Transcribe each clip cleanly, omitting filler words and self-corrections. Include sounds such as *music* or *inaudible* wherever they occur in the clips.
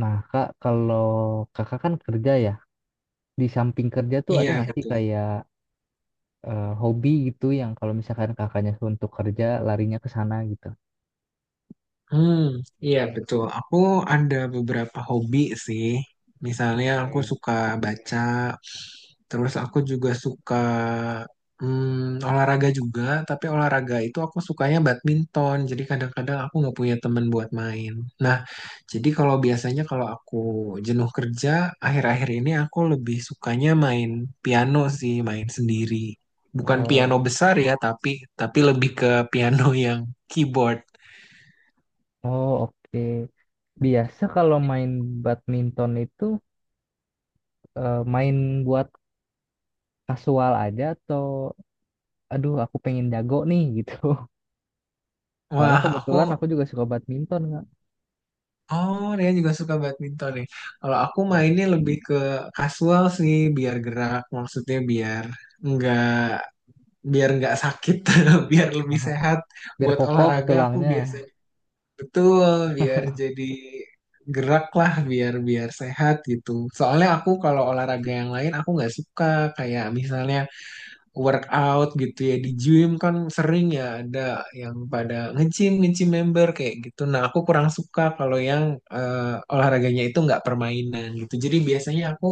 Nah, Kak, kalau kakak kan kerja ya, di samping kerja tuh ada Iya, nggak sih betul. kayak hobi gitu yang kalau misalkan kakaknya untuk kerja larinya ke sana gitu? Hmm, iya, betul. Aku ada beberapa hobi sih. Misalnya aku Oke. suka baca, terus aku juga suka olahraga juga, tapi olahraga itu aku sukanya badminton. Jadi kadang-kadang aku nggak punya temen buat main. Nah, jadi kalau biasanya kalau aku jenuh kerja, akhir-akhir ini aku lebih sukanya main piano sih, main sendiri. Bukan piano Oh. besar ya, tapi lebih ke piano yang keyboard. Oh, oke. Biasa kalau main badminton itu main buat kasual aja atau aduh aku pengen jago nih gitu. *laughs* Soalnya Wah, aku. kebetulan aku juga suka badminton nggak. Oh, dia juga suka badminton nih. Kalau aku mainnya lebih ke casual sih, biar gerak, maksudnya nggak biar nggak sakit, *laughs* biar lebih sehat. Biar Buat kokoh olahraga aku tulangnya. biasanya betul, biar jadi gerak lah, biar biar sehat gitu. Soalnya aku kalau olahraga yang lain aku nggak suka, kayak misalnya workout gitu ya di gym kan sering ya ada yang pada nge-gym nge-gym member kayak gitu. Nah aku kurang suka kalau yang olahraganya itu nggak permainan gitu. Jadi biasanya aku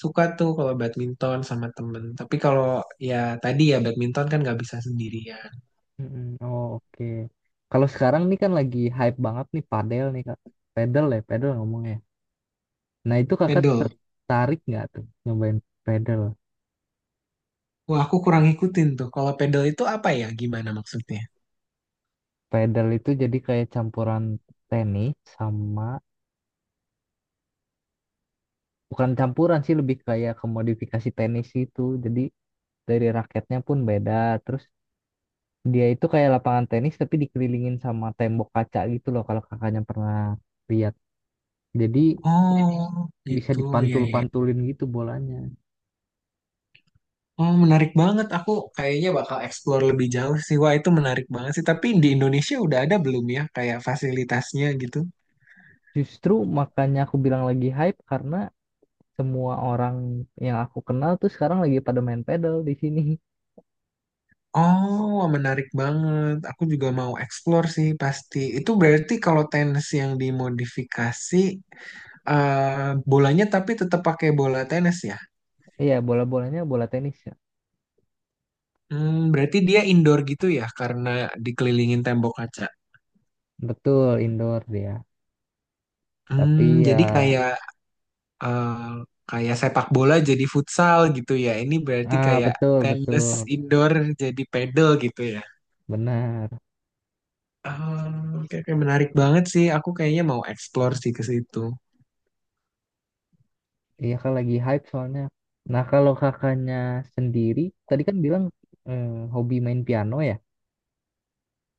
suka tuh kalau badminton sama temen. Tapi kalau ya tadi ya badminton kan nggak bisa sendirian. Mm-mm. Oh, oke. Kalau sekarang nih kan lagi hype banget nih padel nih Kak. Padel ya, padel ngomongnya. Nah itu kakak Pedal. tertarik nggak tuh nyobain padel? Wah, aku kurang ngikutin tuh. Kalau pedal itu apa ya? Gimana maksudnya? Padel itu jadi kayak campuran tenis sama bukan campuran sih, lebih kayak kemodifikasi tenis itu. Jadi dari raketnya pun beda. Terus dia itu kayak lapangan tenis tapi dikelilingin sama tembok kaca gitu loh, kalau kakaknya pernah lihat. Jadi Oh, bisa gitu ya, ya. dipantul-pantulin gitu bolanya. Oh, menarik banget. Aku kayaknya bakal explore lebih jauh sih. Wah, itu menarik banget sih. Tapi di Indonesia udah ada belum ya kayak fasilitasnya gitu? Justru makanya aku bilang lagi hype karena semua orang yang aku kenal tuh sekarang lagi pada main pedal di sini. *laughs* Oh, menarik banget. Aku juga mau explore sih pasti. Itu berarti kalau tenis yang dimodifikasi. Eh, bolanya tapi tetap pakai bola tenis ya. Iya, bola-bolanya bola tenis ya. Hmm, berarti dia indoor gitu ya karena dikelilingin tembok kaca. Betul, indoor dia. Tapi Hmm, ya, jadi kayak eh, kayak sepak bola jadi futsal gitu ya. Ini berarti ah kayak betul, tenis betul, indoor jadi pedal gitu ya. benar. Ah, oke, oke, menarik banget sih. Aku kayaknya mau explore sih ke situ. Iya kan lagi hype soalnya. Nah kalau kakaknya sendiri, tadi kan bilang eh, hobi main piano ya.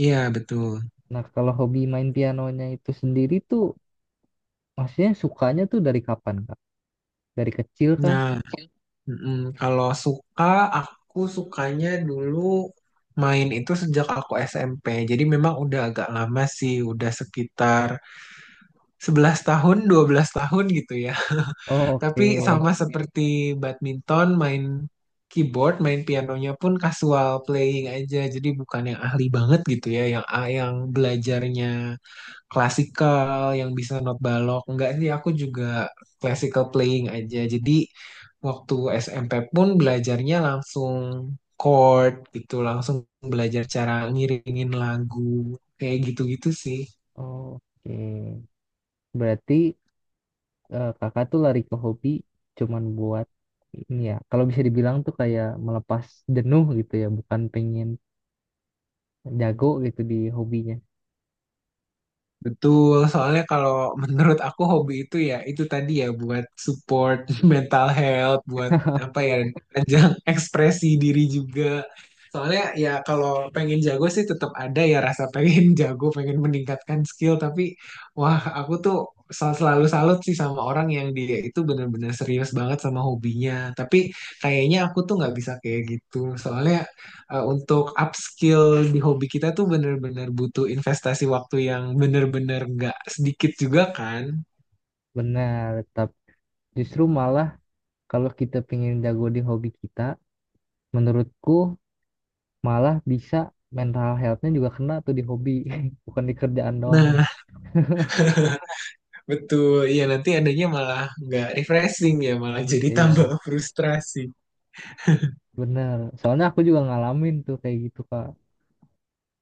Iya, betul. Nah kalau hobi main pianonya itu sendiri tuh, maksudnya sukanya tuh dari kapan Kak? Dari kecil Kak. Nah, mm-mm. Kalau suka, aku sukanya dulu main itu sejak aku SMP. Jadi memang udah agak lama sih, udah sekitar 11 tahun, 12 tahun gitu ya. Oh, *laughs* Tapi, oke. oh, sama oke, seperti badminton, main keyboard, main pianonya pun casual playing aja. Jadi bukan yang ahli banget gitu ya, yang yang belajarnya klasikal, yang bisa not balok. Enggak sih, aku juga classical playing aja. Jadi waktu SMP pun belajarnya langsung chord gitu, langsung belajar cara ngiringin lagu, kayak gitu-gitu sih. Oh, oke. Berarti kakak tuh lari ke hobi cuman buat ini ya. Kalau bisa dibilang tuh kayak melepas jenuh gitu ya, bukan pengen jago gitu di hobinya. Betul, soalnya kalau *laughs* menurut aku hobi itu ya itu tadi ya buat support *laughs* mental health, buat apa ya, ajang *laughs* ekspresi diri juga. Soalnya ya kalau pengen jago sih tetap ada ya rasa pengen *laughs* jago, pengen meningkatkan skill, tapi wah aku tuh selalu salut sih sama orang yang dia itu bener-bener serius banget sama hobinya. Tapi kayaknya aku tuh nggak bisa kayak gitu. Soalnya untuk upskill di hobi kita tuh bener-bener butuh investasi waktu yang bener-bener nggak sedikit juga kan. Benar, tapi justru malah kalau kita pengen jago di hobi kita, menurutku malah bisa mental health-nya juga kena tuh di hobi, *laughs* bukan di kerjaan doang. Nah, *laughs* betul. Iya, nanti adanya malah nggak refreshing ya, malah *laughs* jadi tambah Iya, frustrasi. benar. Soalnya aku juga ngalamin tuh kayak gitu, Kak.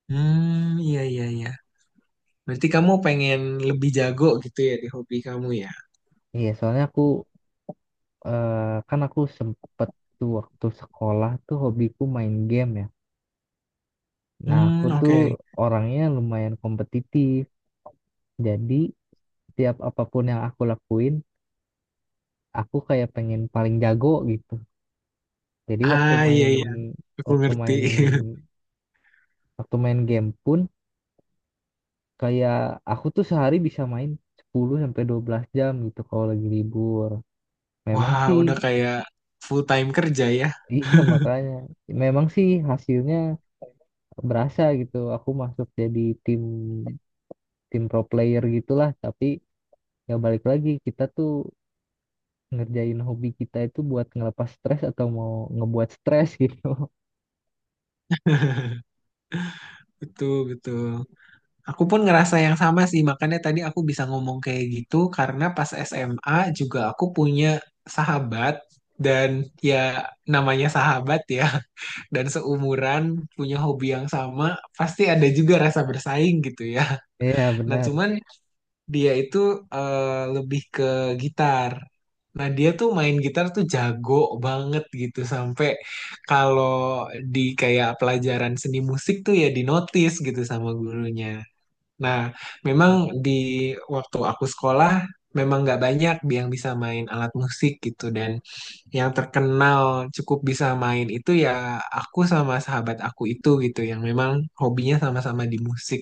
Hmm, iya, iya, iya. Berarti kamu pengen lebih jago gitu ya di hobi kamu ya? Iya, soalnya aku kan aku sempet tuh waktu sekolah tuh hobiku main game ya. Nah, aku Hmm, tuh oke. orangnya lumayan kompetitif. Jadi, tiap apapun yang aku lakuin, aku kayak pengen paling jago gitu. Jadi, Ah, iya, iya. Aku waktu ngerti. main *laughs* waktu main game pun kayak aku tuh sehari bisa main 10 sampai 12 jam gitu kalau lagi libur. Memang Wah, sih. udah kayak full time kerja ya. *laughs* Iya makanya memang sih hasilnya berasa gitu. Aku masuk jadi tim tim pro player gitulah, tapi ya balik lagi kita tuh ngerjain hobi kita itu buat ngelepas stres atau mau ngebuat stres gitu. Betul, betul. Aku pun ngerasa yang sama sih, makanya tadi aku bisa ngomong kayak gitu karena pas SMA juga aku punya sahabat dan ya namanya sahabat ya, *laughs* dan seumuran punya hobi yang sama, pasti ada juga rasa bersaing gitu ya. *laughs* Iya Nah, benar. cuman dia itu lebih ke gitar. Nah, dia tuh main gitar tuh jago banget gitu sampai kalau di kayak pelajaran seni musik tuh ya dinotis gitu sama gurunya. Nah, memang di waktu aku sekolah memang nggak banyak yang bisa main alat musik gitu dan yang terkenal cukup bisa main itu ya aku sama sahabat aku itu gitu yang memang hobinya sama-sama di musik.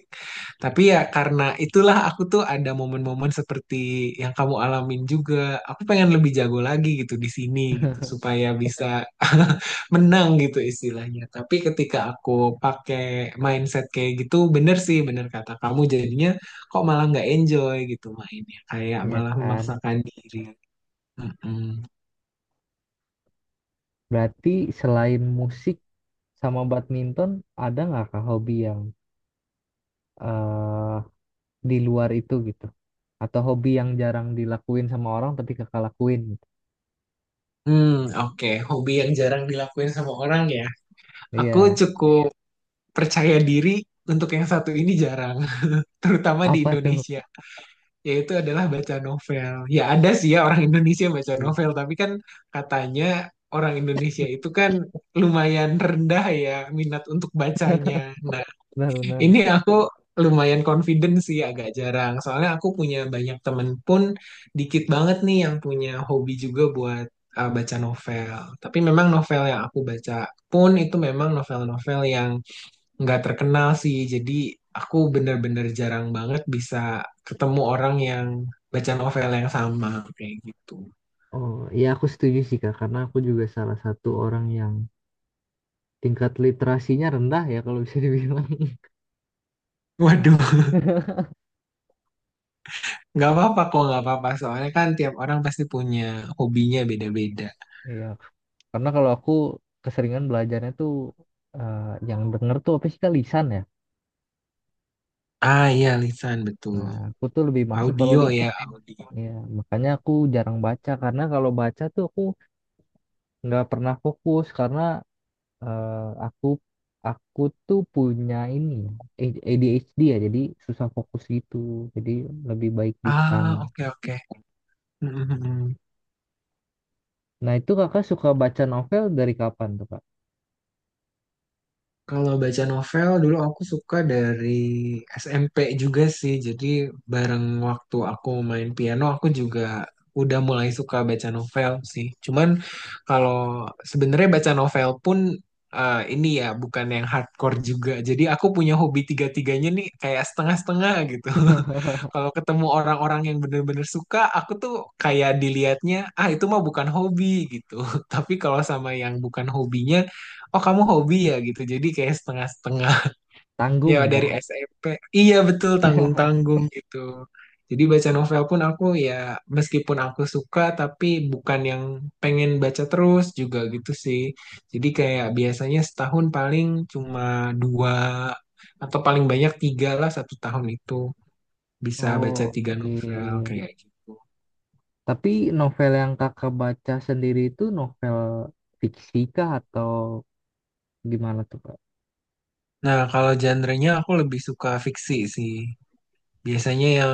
Tapi ya karena itulah aku tuh ada momen-momen seperti yang kamu alamin juga. Aku pengen lebih jago lagi gitu di sini gitu supaya bisa *laughs* menang gitu istilahnya. Tapi ketika aku pakai mindset kayak gitu bener sih bener kata kamu jadinya kok malah nggak enjoy gitu mainnya kayak Iya malah kan, memaksakan diri. Mm-mm. berarti selain musik sama badminton ada nggak kah hobi yang eh di luar itu gitu, atau hobi yang jarang dilakuin sama orang tapi kakak lakuin gitu. Hmm, oke. Hobi yang jarang dilakuin sama orang ya. Aku Iya. cukup percaya diri untuk yang satu ini jarang, *laughs* terutama di Apa tuh? Indonesia, yaitu adalah baca novel. Ya ada sih ya orang Indonesia baca Iya, novel, tapi kan katanya orang Indonesia itu kan lumayan rendah ya minat untuk bacanya. Nah, benar-benar. ini aku lumayan confident sih agak jarang. Soalnya aku punya banyak temen pun dikit banget nih yang punya hobi juga buat baca novel. Tapi memang novel yang aku baca pun itu memang novel-novel yang nggak terkenal sih. Jadi aku bener-bener jarang banget bisa ketemu orang yang baca novel yang sama kayak gitu. Oh, ya aku setuju sih Kak, karena aku juga salah satu orang yang tingkat literasinya rendah ya kalau bisa dibilang. Waduh, *laughs* *laughs* nggak apa-apa kok, nggak apa-apa. Soalnya kan tiap orang pasti punya hobinya beda-beda. Iya, karena kalau aku keseringan belajarnya tuh eh, yang denger tuh apa sih Kak? Lisan ya. Ah iya, lisan betul. Nah, aku tuh lebih masuk kalau Audio lisan. ya, audio. Ya, makanya aku jarang baca karena kalau baca tuh aku nggak pernah fokus karena eh, aku aku tuh punya ini ADHD ya, jadi susah fokus gitu. Jadi lebih baik lisan. Ah, oke oke. Mhm mhm. Nah, itu Kakak suka baca novel dari kapan tuh, Kak? Kalau baca novel dulu aku suka dari SMP juga sih. Jadi bareng waktu aku main piano aku juga udah mulai suka baca novel sih. Cuman kalau sebenarnya baca novel pun ini ya bukan yang hardcore juga. Jadi aku punya hobi tiga-tiganya nih kayak setengah-setengah gitu. *laughs* *laughs* Kalau ketemu orang-orang yang bener-bener suka, aku tuh kayak dilihatnya, ah itu mah bukan hobi gitu. *laughs* Tapi kalau sama yang bukan hobinya, oh kamu hobi ya gitu, jadi kayak setengah-setengah *laughs* ya Tanggung dari ya. SMP. Iya betul tanggung-tanggung gitu. Jadi baca novel pun aku ya meskipun aku suka tapi bukan yang pengen baca terus juga gitu sih. Jadi kayak biasanya setahun paling cuma dua atau paling banyak tiga lah satu tahun itu bisa baca Oh, tiga oke. novel kayak gitu. Tapi novel yang kakak baca sendiri itu novel fiksi kah atau gimana tuh, Kak? Nah kalau genre-nya aku lebih suka fiksi sih. Biasanya yang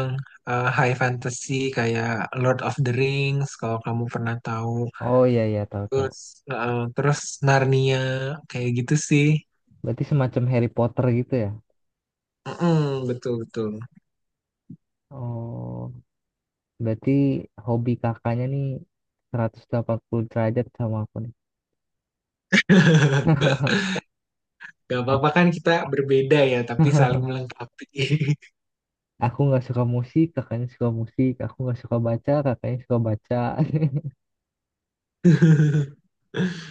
high fantasy kayak Lord of the Rings kalau kamu pernah tahu. Oh iya iya, tahu tahu. Terus terus Narnia kayak gitu sih. Berarti semacam Harry Potter gitu ya? Mm-mm, betul betul. Oh, berarti hobi kakaknya nih 180 derajat sama aku nih. *laughs* *laughs* Gak Aku apa-apa kan kita berbeda ya, tapi saling melengkapi. *laughs* aku nggak suka musik, kakaknya suka musik. Aku nggak suka baca, kakaknya suka baca. *laughs*